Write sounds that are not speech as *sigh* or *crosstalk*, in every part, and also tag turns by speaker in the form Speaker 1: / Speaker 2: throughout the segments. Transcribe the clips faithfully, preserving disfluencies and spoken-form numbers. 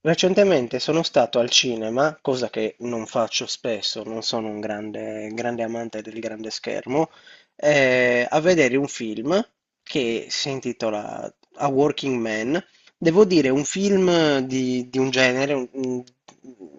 Speaker 1: Recentemente sono stato al cinema, cosa che non faccio spesso, non sono un grande, grande amante del grande schermo, eh, a vedere un film che si intitola A Working Man. Devo dire, un film di, di un genere, un, un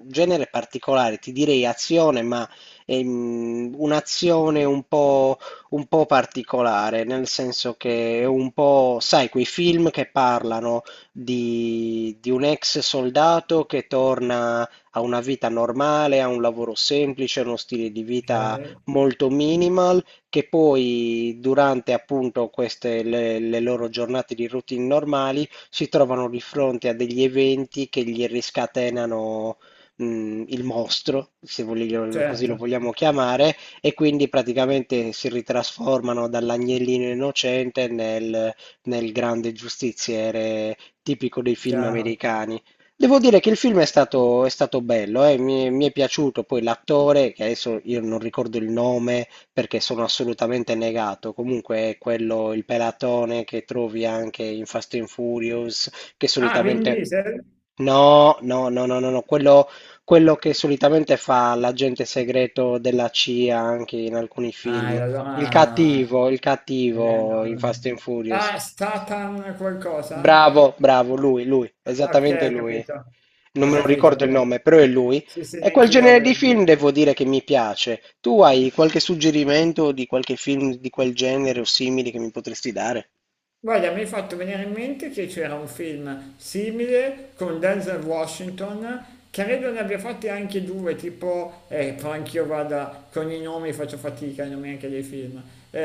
Speaker 1: genere particolare, ti direi azione, ma ehm, un'azione un po' un po' particolare, nel senso che è un po', sai, quei film che parlano di, di un ex soldato che torna a una vita normale, a un lavoro semplice, a uno stile di vita
Speaker 2: Okay,
Speaker 1: molto minimal, che poi durante appunto queste le, le loro giornate di routine normali si trovano di fronte a degli eventi che gli riscatenano. mh, Il mostro, se voglio- così lo
Speaker 2: certo,
Speaker 1: vogliamo chiamare, e quindi praticamente si ritrasformano dall'agnellino innocente nel, nel grande giustiziere tipico dei film
Speaker 2: chiaro.
Speaker 1: americani. Devo dire che il film è stato, è stato bello, eh, Mi, mi è piaciuto poi l'attore, che adesso io non ricordo il nome perché sono assolutamente negato, comunque è quello, il pelatone che trovi anche in Fast and Furious, che
Speaker 2: Ah, Vin
Speaker 1: solitamente...
Speaker 2: Diesel?
Speaker 1: No, no, no, no, no, no, Quello, quello che solitamente fa l'agente segreto della C I A anche in alcuni
Speaker 2: Ah, e
Speaker 1: film. Il
Speaker 2: allora
Speaker 1: cattivo, il
Speaker 2: eh,
Speaker 1: cattivo in Fast
Speaker 2: non
Speaker 1: and
Speaker 2: ah,
Speaker 1: Furious.
Speaker 2: Statham qualcosa?
Speaker 1: Bravo, bravo, lui, lui,
Speaker 2: Okay,
Speaker 1: esattamente
Speaker 2: ho
Speaker 1: lui.
Speaker 2: capito.
Speaker 1: Non
Speaker 2: Ho
Speaker 1: me lo
Speaker 2: capito
Speaker 1: ricordo il
Speaker 2: allora.
Speaker 1: nome, però è lui.
Speaker 2: Sì, sì,
Speaker 1: E quel
Speaker 2: neanch'io,
Speaker 1: genere di
Speaker 2: bene.
Speaker 1: film devo dire che mi piace. Tu hai qualche suggerimento di qualche film di quel genere o simili che mi potresti dare?
Speaker 2: Guarda, mi hai fatto venire in mente che c'era un film simile con Denzel Washington, credo ne abbia fatti anche due, tipo, eh, però anch'io vada con i nomi faccio fatica, i nomi anche dei film. Eh,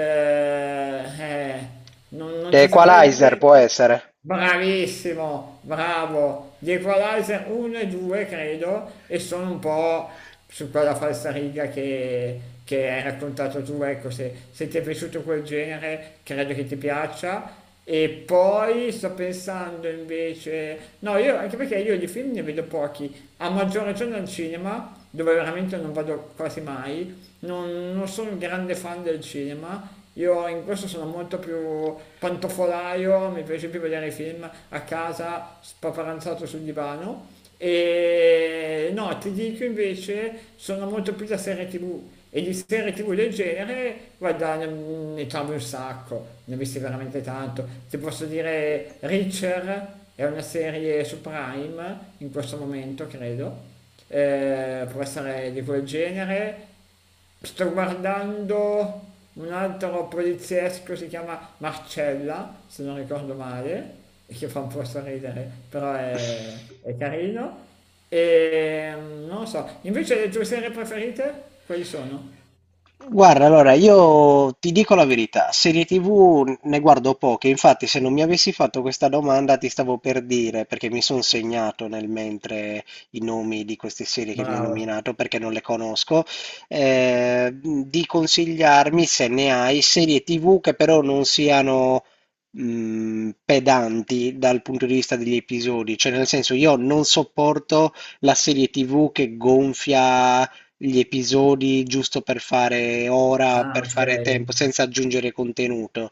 Speaker 2: eh, non, non
Speaker 1: The
Speaker 2: ti saprei
Speaker 1: Equalizer
Speaker 2: dire...
Speaker 1: può essere.
Speaker 2: Bravissimo, bravo. Gli Equalizer uno e due, credo, e sono un po' su quella falsariga che, che hai raccontato tu. Ecco, se, se ti è piaciuto quel genere, credo che ti piaccia. E poi sto pensando invece... No, io, anche perché io di film ne vedo pochi, a maggior ragione al cinema, dove veramente non vado quasi mai. Non, non sono un grande fan del cinema, io in questo sono molto più pantofolaio, mi piace più vedere i film a casa spaparanzato sul divano. E no, ti dico invece, sono molto più da serie tivù. E di serie tivù del genere, guarda, ne, ne trovi un sacco, ne ho visti veramente tanto. Ti posso dire, Reacher è una serie su Prime in questo momento, credo. Eh, può essere di quel genere. Sto guardando un altro poliziesco, si chiama Marcella, se non ricordo male, e che fa un po' sorridere, però è, è carino. E mm, non lo so, invece le tue serie preferite, quali sono?
Speaker 1: Guarda, allora io ti dico la verità, serie ti vu ne guardo poche, infatti se non mi avessi fatto questa domanda ti stavo per dire, perché mi sono segnato nel mentre i nomi di queste serie che mi hai
Speaker 2: Bravo.
Speaker 1: nominato, perché non le conosco, eh, di consigliarmi se ne hai serie ti vu che però non siano mh, pedanti dal punto di vista degli episodi, cioè nel senso io non sopporto la serie ti vu che gonfia gli episodi giusto per fare ora,
Speaker 2: Ah,
Speaker 1: per
Speaker 2: ok.
Speaker 1: fare tempo, senza aggiungere contenuto.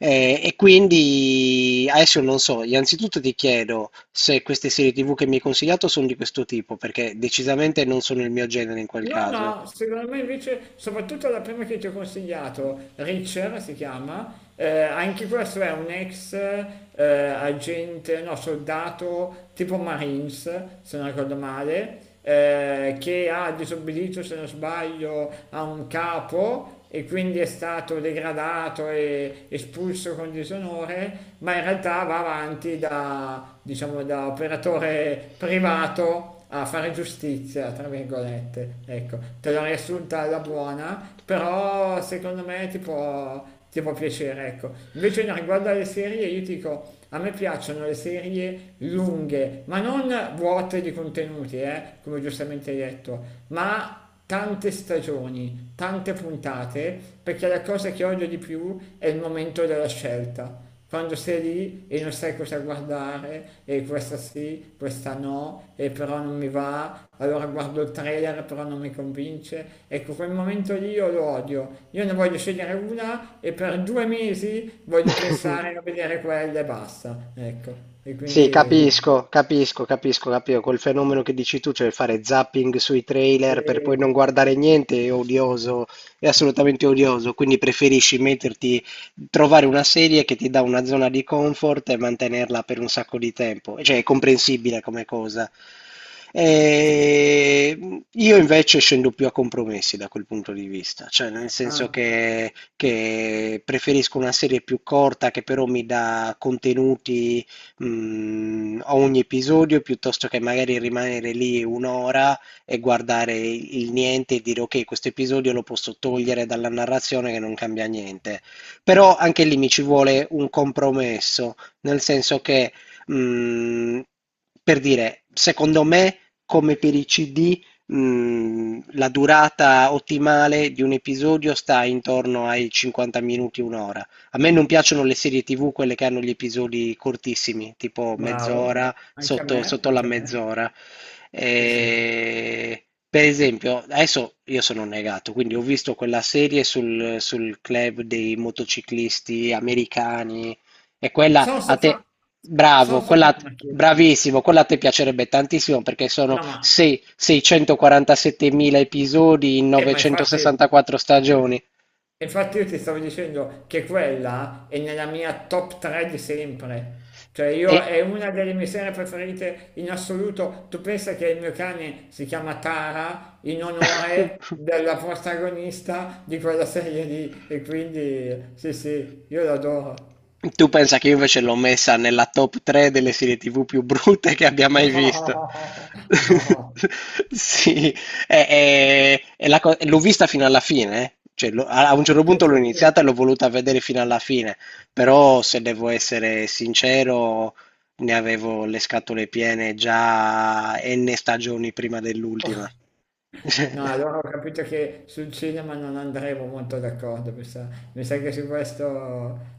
Speaker 1: Eh, e quindi adesso non so, innanzitutto ti chiedo se queste serie ti vu che mi hai consigliato sono di questo tipo, perché decisamente non sono il mio genere in quel
Speaker 2: No,
Speaker 1: caso.
Speaker 2: no, secondo me invece, soprattutto la prima che ti ho consigliato, Richard si chiama, eh, anche questo è un ex eh, agente, no, soldato tipo Marines, se non ricordo male, eh, che ha disobbedito, se non sbaglio, a un capo e quindi è stato degradato e espulso con disonore, ma in realtà va avanti da, diciamo, da operatore privato a fare giustizia, tra virgolette. Ecco, te l'ho riassunta alla buona, però secondo me ti può, ti può piacere, ecco. Invece no, riguardo alle serie, io ti dico, a me piacciono le serie lunghe, ma non vuote di contenuti, eh, come giustamente hai detto, ma tante stagioni, tante puntate, perché la cosa che odio di più è il momento della scelta. Quando sei lì e non sai cosa guardare, e questa sì, questa no, e però non mi va, allora guardo il trailer però non mi convince. Ecco, quel momento lì io lo odio. Io ne voglio scegliere una e per due mesi voglio pensare
Speaker 1: *laughs*
Speaker 2: a vedere quella e basta. Ecco, e
Speaker 1: Sì,
Speaker 2: quindi...
Speaker 1: capisco, capisco, capisco, capisco. Quel fenomeno che dici tu, cioè fare zapping sui trailer per poi non
Speaker 2: Sì,
Speaker 1: guardare niente, è odioso, è assolutamente odioso. Quindi preferisci metterti, trovare una serie che ti dà una zona di comfort e mantenerla per un sacco di tempo. Cioè, è comprensibile come cosa.
Speaker 2: sì, sì.
Speaker 1: E io invece scendo più a compromessi da quel punto di vista, cioè nel senso
Speaker 2: Ah,
Speaker 1: che, che preferisco una serie più corta che però mi dà contenuti mh, ogni episodio piuttosto che magari rimanere lì un'ora e guardare il niente e dire ok, questo episodio lo posso togliere dalla narrazione che non cambia niente. Però anche lì mi ci vuole un compromesso, nel senso che, mh, per dire, secondo me, come per i ci di, mh, la durata ottimale di un episodio sta intorno ai cinquanta minuti, un'ora. A me non piacciono le serie ti vu, quelle che hanno gli episodi cortissimi, tipo
Speaker 2: bravo,
Speaker 1: mezz'ora,
Speaker 2: anche a
Speaker 1: sotto,
Speaker 2: me,
Speaker 1: sotto la
Speaker 2: anche a me.
Speaker 1: mezz'ora.
Speaker 2: Sì, sì.
Speaker 1: E, per esempio, adesso io sono negato, quindi ho visto quella serie sul, sul club dei motociclisti americani e
Speaker 2: Sono
Speaker 1: quella a
Speaker 2: soffa-
Speaker 1: te,
Speaker 2: Sono
Speaker 1: bravo, quella,
Speaker 2: soffermato.
Speaker 1: bravissimo, quella a te piacerebbe tantissimo perché sono
Speaker 2: No, ma,
Speaker 1: sei- seicentoquarantasettemila episodi in
Speaker 2: eh, ma infatti,
Speaker 1: novecentosessantaquattro stagioni.
Speaker 2: infatti io ti stavo dicendo che quella è nella mia top tre di sempre. Cioè,
Speaker 1: E...
Speaker 2: io è una delle mie serie preferite in assoluto. Tu pensa che il mio cane si chiama Tara in onore
Speaker 1: *laughs*
Speaker 2: della protagonista di quella serie lì e quindi sì sì, io l'adoro.
Speaker 1: Tu pensa che io invece l'ho messa nella top tre delle serie ti vu più brutte che abbia
Speaker 2: No,
Speaker 1: mai visto.
Speaker 2: no,
Speaker 1: *laughs* Sì, è- è- è la co- l'ho vista fino alla fine, eh. Cioè, l'ho- a a un certo
Speaker 2: sì
Speaker 1: punto l'ho
Speaker 2: sì sì.
Speaker 1: iniziata e l'ho voluta vedere fino alla fine, però se devo essere sincero, ne avevo le scatole piene già n stagioni prima dell'ultima.
Speaker 2: No,
Speaker 1: *laughs*
Speaker 2: allora ho capito che sul cinema non andremo molto d'accordo, mi sa, mi sa che su questo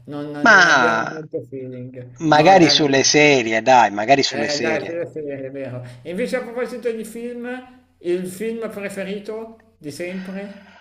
Speaker 2: non, non abbiamo
Speaker 1: Ma
Speaker 2: molto feeling. No,
Speaker 1: magari
Speaker 2: dai,
Speaker 1: sulle
Speaker 2: non-
Speaker 1: serie, dai, magari sulle
Speaker 2: eh, dai,
Speaker 1: serie.
Speaker 2: sulla serie, è vero. E invece a proposito di film, il film preferito di sempre?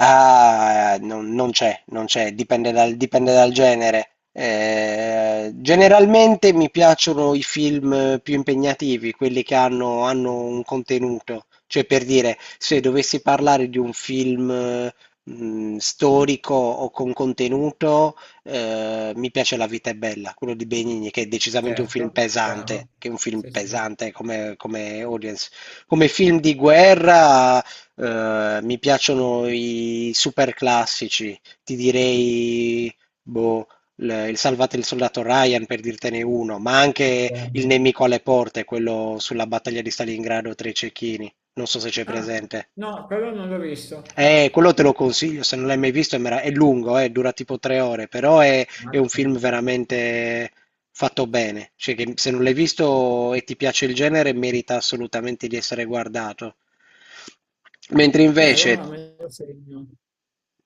Speaker 1: Ah, eh, non, non c'è, non c'è, dipende dal, dipende dal genere. Eh, generalmente mi piacciono i film più impegnativi, quelli che hanno, hanno un contenuto. Cioè, per dire, se dovessi parlare di un film, eh, mh, storico o con contenuto, eh, mi piace La vita è bella, quello di Benigni, che è decisamente un film
Speaker 2: Certo,
Speaker 1: pesante,
Speaker 2: chiaro.
Speaker 1: che è un film
Speaker 2: Sì, sì,
Speaker 1: pesante come, come audience. Come film di guerra eh, mi piacciono i super classici, ti direi boh, l- il Salvate il soldato Ryan per dirtene uno, ma anche
Speaker 2: chiaro.
Speaker 1: Il nemico alle porte, quello sulla battaglia di Stalingrado tra i cecchini. Non so se c'è
Speaker 2: Ah,
Speaker 1: presente.
Speaker 2: no, quello non l'ho visto,
Speaker 1: Eh,
Speaker 2: no.
Speaker 1: quello te lo consiglio, se non l'hai mai visto è, mera- è lungo, eh, dura tipo tre ore, però è, è un
Speaker 2: Mazza.
Speaker 1: film veramente fatto bene. Cioè che se non l'hai visto e ti piace il genere, merita assolutamente di essere guardato. Mentre
Speaker 2: Eh,
Speaker 1: invece
Speaker 2: allora me lo segno.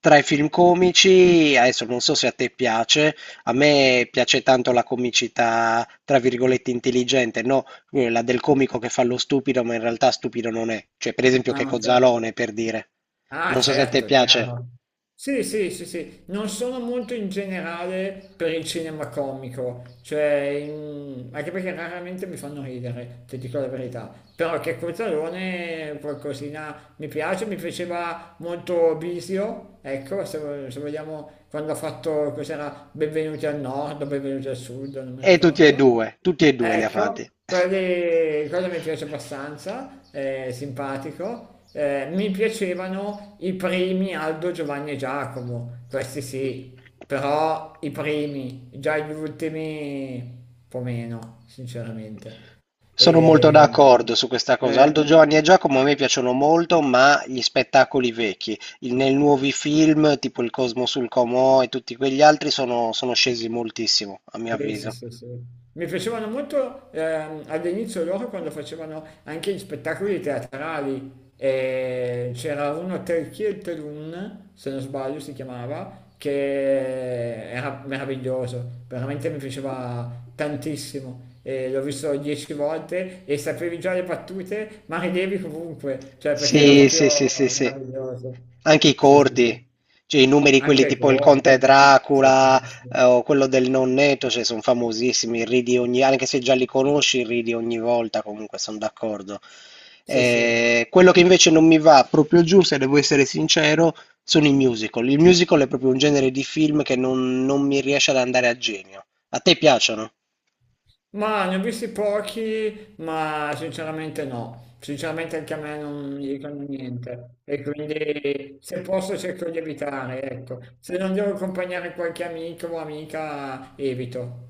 Speaker 1: tra i film comici, adesso non so se a te piace, a me piace tanto la comicità, tra virgolette, intelligente, no? Quella del comico che fa lo stupido, ma in realtà stupido non è. Cioè, per esempio,
Speaker 2: Ah,
Speaker 1: Checco
Speaker 2: ok.
Speaker 1: Zalone, per dire.
Speaker 2: Ah,
Speaker 1: Non so se a te
Speaker 2: certo, è
Speaker 1: piace.
Speaker 2: chiaro. Sì, sì, sì, sì. Non sono molto in generale per il cinema comico, cioè, in- anche perché raramente mi fanno ridere, ti dico la verità. Però che Cozzalone qualcosina mi piace, mi piaceva molto Bisio, ecco, se, se vogliamo, quando ha fatto, cos'era, Benvenuti al Nord, Benvenuti al Sud, non mi
Speaker 1: E tutti e
Speaker 2: ricordo.
Speaker 1: due, tutti e due li ha fatti.
Speaker 2: Ecco, quelli, quello mi piace abbastanza, è simpatico. Eh, mi piacevano i primi Aldo, Giovanni e Giacomo, questi sì, però i primi, già gli ultimi un po' meno, sinceramente.
Speaker 1: Sono molto
Speaker 2: E,
Speaker 1: d'accordo su questa cosa. Aldo
Speaker 2: eh,
Speaker 1: Giovanni e Giacomo a me piacciono molto, ma gli spettacoli vecchi, i nei nuovi film, tipo Il Cosmo sul Comò e tutti quegli altri, sono sono scesi moltissimo, a mio
Speaker 2: Sì, sì,
Speaker 1: avviso.
Speaker 2: sì, sì. Mi piacevano molto ehm, all'inizio loro quando facevano anche gli spettacoli teatrali. Eh, c'era uno Telchiel Telun, se non sbaglio si chiamava, che era meraviglioso, veramente mi piaceva tantissimo. Eh, l'ho visto dieci volte e sapevi già le battute, ma ridevi comunque, cioè perché era
Speaker 1: Sì, sì, sì, sì,
Speaker 2: proprio
Speaker 1: sì.
Speaker 2: meraviglioso.
Speaker 1: Anche i
Speaker 2: Sì, sì,
Speaker 1: corti,
Speaker 2: sì.
Speaker 1: cioè i numeri, quelli
Speaker 2: Anche ai
Speaker 1: tipo il Conte
Speaker 2: corti. Sì, sì,
Speaker 1: Dracula
Speaker 2: sì. Sì,
Speaker 1: eh, o quello del Nonnetto, cioè sono famosissimi, ridi ogni, anche se già li conosci, ridi ogni volta, comunque sono d'accordo.
Speaker 2: sì. Sì, sì.
Speaker 1: Eh, quello che invece non mi va proprio giù, se devo essere sincero, sono i musical. Il musical è proprio un genere di film che non, non mi riesce ad andare a genio. A te piacciono?
Speaker 2: Ma ne ho visti pochi, ma sinceramente no. Sinceramente anche a me non mi dicono niente. E quindi se posso cerco di evitare, ecco. Se non devo accompagnare qualche amico o amica, evito.